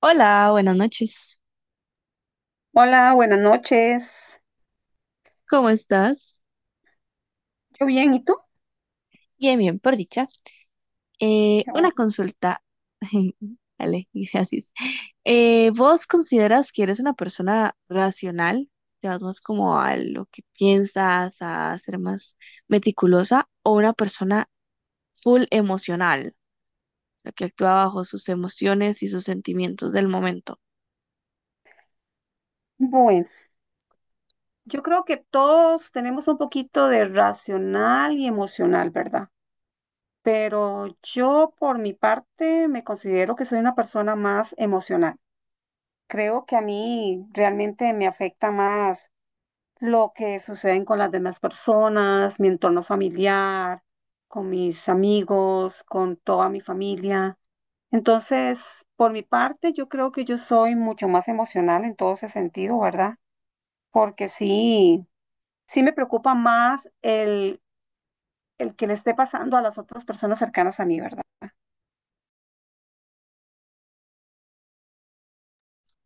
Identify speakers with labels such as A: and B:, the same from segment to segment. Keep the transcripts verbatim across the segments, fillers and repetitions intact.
A: Hola, buenas noches.
B: Hola, buenas noches.
A: ¿Cómo estás?
B: Yo bien, ¿y tú?
A: Bien, bien, por dicha. Eh,
B: Qué
A: una
B: bueno.
A: consulta. Vale, gracias. Eh, ¿vos consideras que eres una persona racional? ¿Te vas más como a lo que piensas, a ser más meticulosa, o una persona full emocional, la que actúa bajo sus emociones y sus sentimientos del momento?
B: Bueno, yo creo que todos tenemos un poquito de racional y emocional, ¿verdad? Pero yo por mi parte me considero que soy una persona más emocional. Creo que a mí realmente me afecta más lo que sucede con las demás personas, mi entorno familiar, con mis amigos, con toda mi familia. Entonces, por mi parte, yo creo que yo soy mucho más emocional en todo ese sentido, ¿verdad? Porque sí, sí me preocupa más el, el que le esté pasando a las otras personas cercanas a mí, ¿verdad?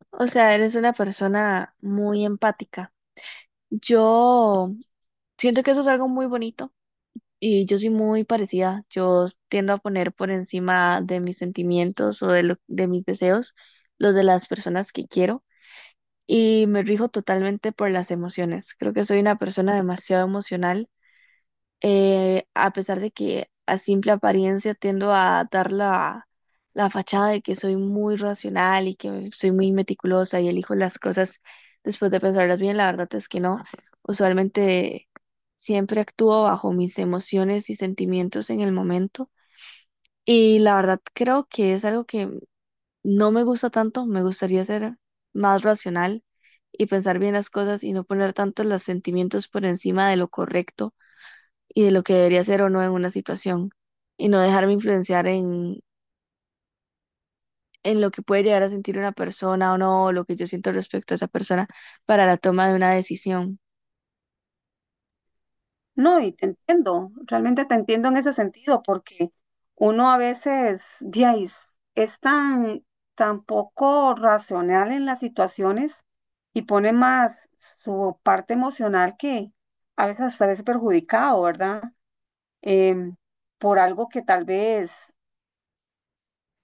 A: O sea, eres una persona muy empática. Yo siento que eso es algo muy bonito. Y yo soy muy parecida. Yo tiendo a poner por encima de mis sentimientos o de, lo- de mis deseos los de las personas que quiero y me rijo totalmente por las emociones. Creo que soy una persona demasiado emocional, eh, a pesar de que a simple apariencia tiendo a dar la, la fachada de que soy muy racional y que soy muy meticulosa y elijo las cosas después de pensarlas bien, la verdad es que no. Usualmente siempre actúo bajo mis emociones y sentimientos en el momento. Y la verdad creo que es algo que no me gusta tanto, me gustaría ser más racional y pensar bien las cosas y no poner tanto los sentimientos por encima de lo correcto y de lo que debería ser o no en una situación y no dejarme influenciar en, en lo que puede llegar a sentir una persona o no, o lo que yo siento respecto a esa persona para la toma de una decisión.
B: No, y te entiendo, realmente te entiendo en ese sentido, porque uno a veces, ya es, es tan, tan poco racional en las situaciones y pone más su parte emocional que a veces hasta a veces perjudicado, ¿verdad? em, por algo que tal vez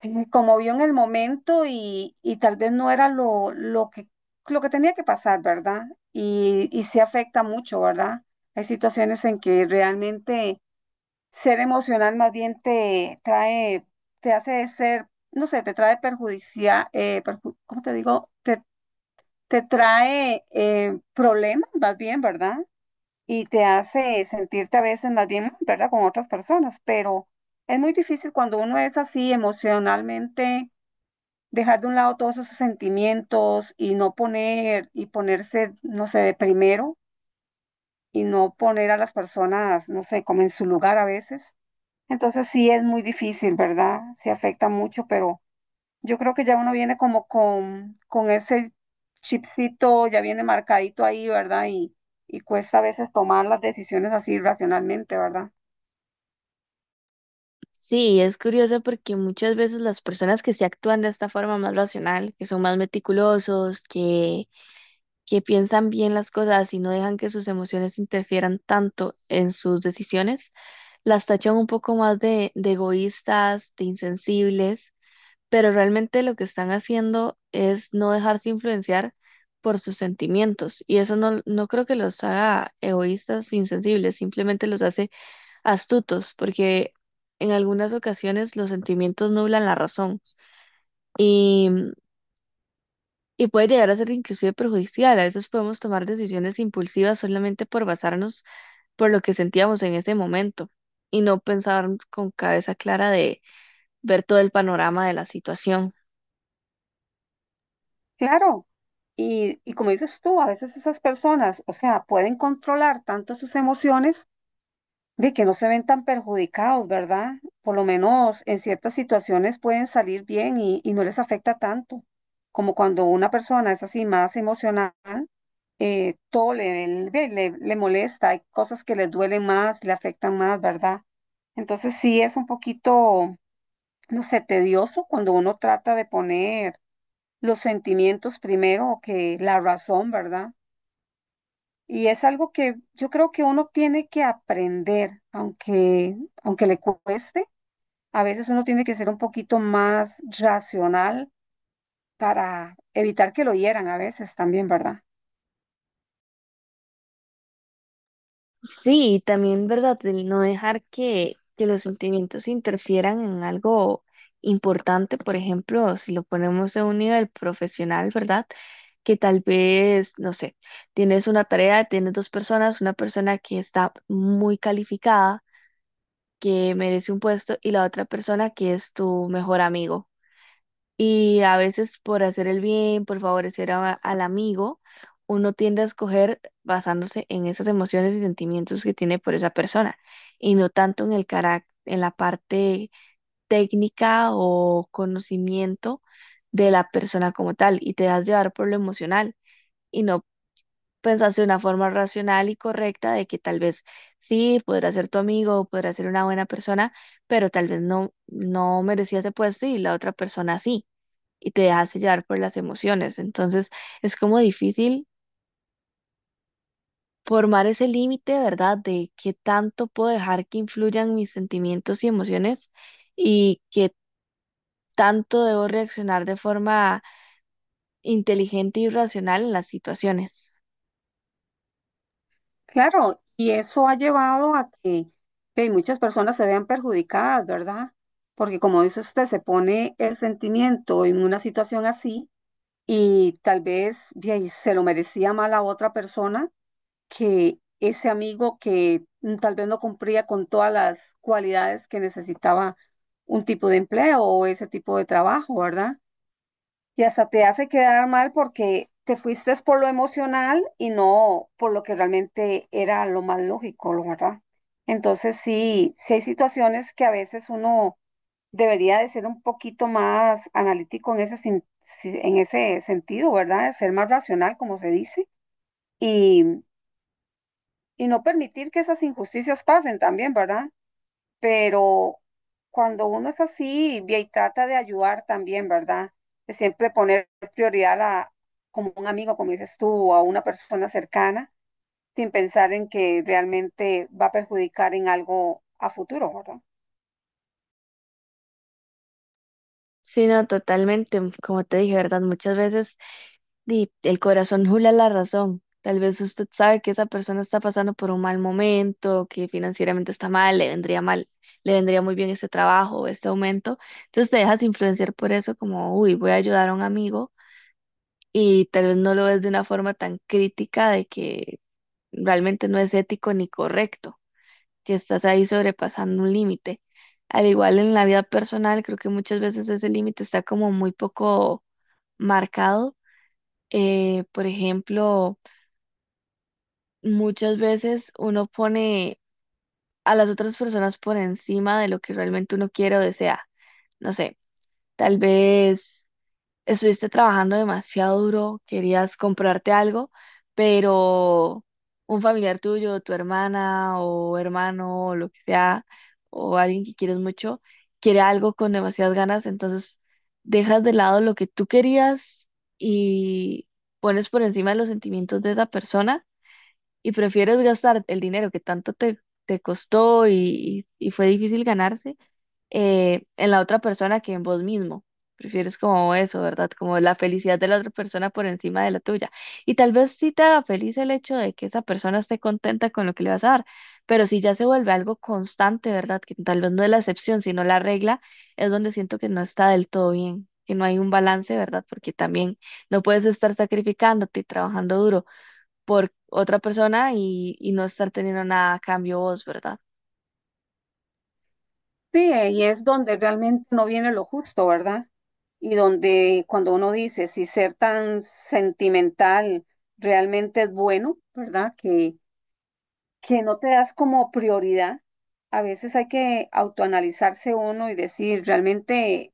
B: eh, conmovió en el momento y, y tal vez no era lo, lo que, lo que tenía que pasar, ¿verdad? Y, y se afecta mucho, ¿verdad? Hay situaciones en que realmente ser emocional más bien te trae, te hace ser, no sé, te trae perjudicial, eh, perju- ¿cómo te digo? Te, te trae eh, problemas más bien, ¿verdad?, y te hace sentirte a veces más bien, ¿verdad?, con otras personas, pero es muy difícil cuando uno es así emocionalmente, dejar de un lado todos esos sentimientos y no poner, y ponerse, no sé, de primero y no poner a las personas, no sé, como en su lugar a veces. Entonces sí es muy difícil, ¿verdad? Se afecta mucho, pero... Yo creo que ya uno viene como con, con ese chipcito, ya viene marcadito ahí, ¿verdad? Y, y cuesta a veces tomar las decisiones así racionalmente, ¿verdad?
A: Sí, es curioso porque muchas veces las personas que se actúan de esta forma más racional, que son más meticulosos, que, que piensan bien las cosas y no dejan que sus emociones interfieran tanto en sus decisiones, las tachan un poco más de, de egoístas, de insensibles, pero realmente lo que están haciendo es no dejarse influenciar por sus sentimientos y eso, no, no creo que los haga egoístas o insensibles, simplemente los hace astutos porque en algunas ocasiones los sentimientos nublan la razón y, y puede llegar a ser inclusive perjudicial. A veces podemos tomar decisiones impulsivas solamente por basarnos por lo que sentíamos en ese momento y no pensar con cabeza clara de ver todo el panorama de la situación.
B: Claro. Y, y como dices tú, a veces esas personas, o sea, pueden controlar tanto sus emociones de que no se ven tan perjudicados, ¿verdad? Por lo menos en ciertas situaciones pueden salir bien y, y no les afecta tanto, como cuando una persona es así más emocional eh, todo le, le, le- le molesta, hay cosas que le duelen más, le afectan más, ¿verdad? Entonces sí es un poquito, no sé, tedioso cuando uno trata de poner los sentimientos primero que la razón, ¿verdad? Y es algo que yo creo que uno tiene que aprender, aunque, aunque le cueste, a veces uno tiene que ser un poquito más racional para evitar que lo hieran a veces también, ¿verdad?
A: Sí, y también, ¿verdad? El no dejar que, que los sentimientos interfieran en algo importante, por ejemplo, si lo ponemos a un nivel profesional, ¿verdad? Que tal vez, no sé, tienes una tarea, tienes dos personas, una persona que está muy calificada, que merece un puesto, y la otra persona que es tu mejor amigo. Y a veces por hacer el bien, por favorecer a- al amigo, uno tiende a escoger basándose en esas emociones y sentimientos que tiene por esa persona y no tanto en el carac- en la parte técnica o conocimiento de la persona como tal y te dejas llevar por lo emocional y no pensás de una forma racional y correcta de que tal vez sí, podrá ser tu amigo, podrá ser una buena persona, pero tal vez no, no merecía ese puesto y la otra persona sí y te dejas llevar por las emociones. Entonces es como difícil formar ese límite, ¿verdad? De qué tanto puedo dejar que influyan mis sentimientos y emociones y qué tanto debo reaccionar de forma inteligente y racional en las situaciones.
B: Claro, y eso ha llevado a que, que muchas personas se vean perjudicadas, ¿verdad? Porque como dice usted, se pone el sentimiento en una situación así y tal vez de ahí, se lo merecía mal a otra persona que ese amigo que mm, tal vez no cumplía con todas las cualidades que necesitaba un tipo de empleo o ese tipo de trabajo, ¿verdad? Y hasta te hace quedar mal porque te fuiste por lo emocional y no por lo que realmente era lo más lógico, lo verdad. Entonces sí, sí hay situaciones que a veces uno debería de ser un poquito más analítico en ese, sin- si- en ese sentido, ¿verdad? De ser más racional, como se dice, y, y no permitir que esas injusticias pasen también, ¿verdad?, pero cuando uno es así y y trata de ayudar también, ¿verdad? De siempre poner prioridad a la- como un amigo, como dices tú, o a una persona cercana, sin pensar en que realmente va a perjudicar en algo a futuro, ¿verdad?
A: Sí, no, totalmente. Como te dije, ¿verdad? Muchas veces di, el corazón jula la razón. Tal vez usted sabe que esa persona está pasando por un mal momento, que financieramente está mal, le vendría mal, le vendría muy bien este trabajo, este aumento. Entonces te dejas influenciar por eso como, uy, voy a ayudar a un amigo y tal vez no lo ves de una forma tan crítica de que realmente no es ético ni correcto que estás ahí sobrepasando un límite. Al igual en la vida personal, creo que muchas veces ese límite está como muy poco marcado. Eh, por ejemplo, muchas veces uno pone a las otras personas por encima de lo que realmente uno quiere o desea. No sé, tal vez estuviste trabajando demasiado duro, querías comprarte algo, pero un familiar tuyo, tu hermana o hermano o lo que sea, o alguien que quieres mucho, quiere algo con demasiadas ganas, entonces dejas de lado lo que tú querías y pones por encima los sentimientos de esa persona y prefieres gastar el dinero que tanto te, te costó y, y y fue difícil ganarse, eh, en la otra persona que en vos mismo. Prefieres como eso, ¿verdad? Como la felicidad de la otra persona por encima de la tuya. Y tal vez sí te haga feliz el hecho de que esa persona esté contenta con lo que le vas a dar, pero si ya se vuelve algo constante, ¿verdad? Que tal vez no es la excepción, sino la regla, es donde siento que no está del todo bien, que no hay un balance, ¿verdad? Porque también no puedes estar sacrificándote y trabajando duro por otra persona y, y no estar teniendo nada a cambio vos, ¿verdad?
B: Sí, y es donde realmente no viene lo justo, ¿verdad? Y donde cuando uno dice si ser tan sentimental realmente es bueno, ¿verdad?, Que que no te das como prioridad. A veces hay que autoanalizarse uno y decir, realmente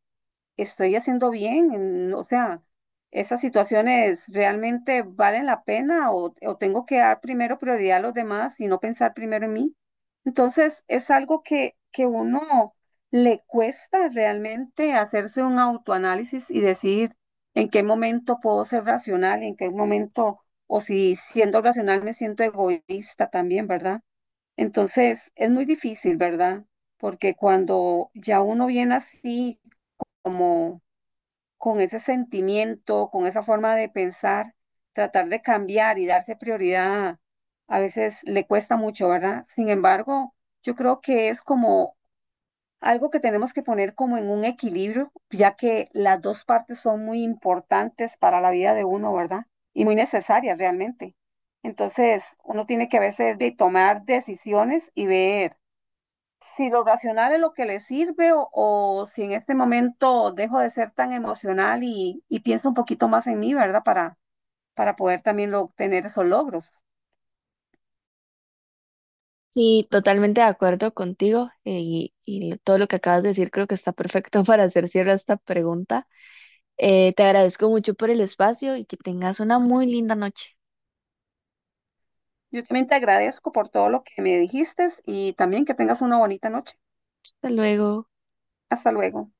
B: estoy haciendo bien. Mm, o sea, esas situaciones realmente valen la pena o, o tengo que dar primero prioridad a los demás y no pensar primero en mí. Entonces, es algo que, que uno le cuesta realmente hacerse un autoanálisis y decir en qué momento puedo ser racional y en qué momento, o si siendo racional me siento egoísta también, ¿verdad? Entonces, es muy difícil, ¿verdad? Porque cuando ya uno viene así, como con ese sentimiento, con esa forma de pensar, tratar de cambiar y darse prioridad, a veces le cuesta mucho, ¿verdad? Sin embargo, yo creo que es como algo que tenemos que poner como en un equilibrio, ya que las dos partes son muy importantes para la vida de uno, ¿verdad? Y muy necesarias realmente. Entonces, uno tiene que a veces de tomar decisiones y ver si lo racional es lo que le sirve o, o si en este momento dejo de ser tan emocional y, y pienso un poquito más en mí, ¿verdad? Para, para poder también lo- obtener esos logros.
A: Y totalmente de acuerdo contigo, eh, y, y todo lo que acabas de decir creo que está perfecto para hacer cierre a esta pregunta. Eh, te agradezco mucho por el espacio y que tengas una muy linda noche.
B: Yo también te agradezco por todo lo que me dijiste y también que tengas una bonita noche.
A: Hasta luego.
B: Hasta luego.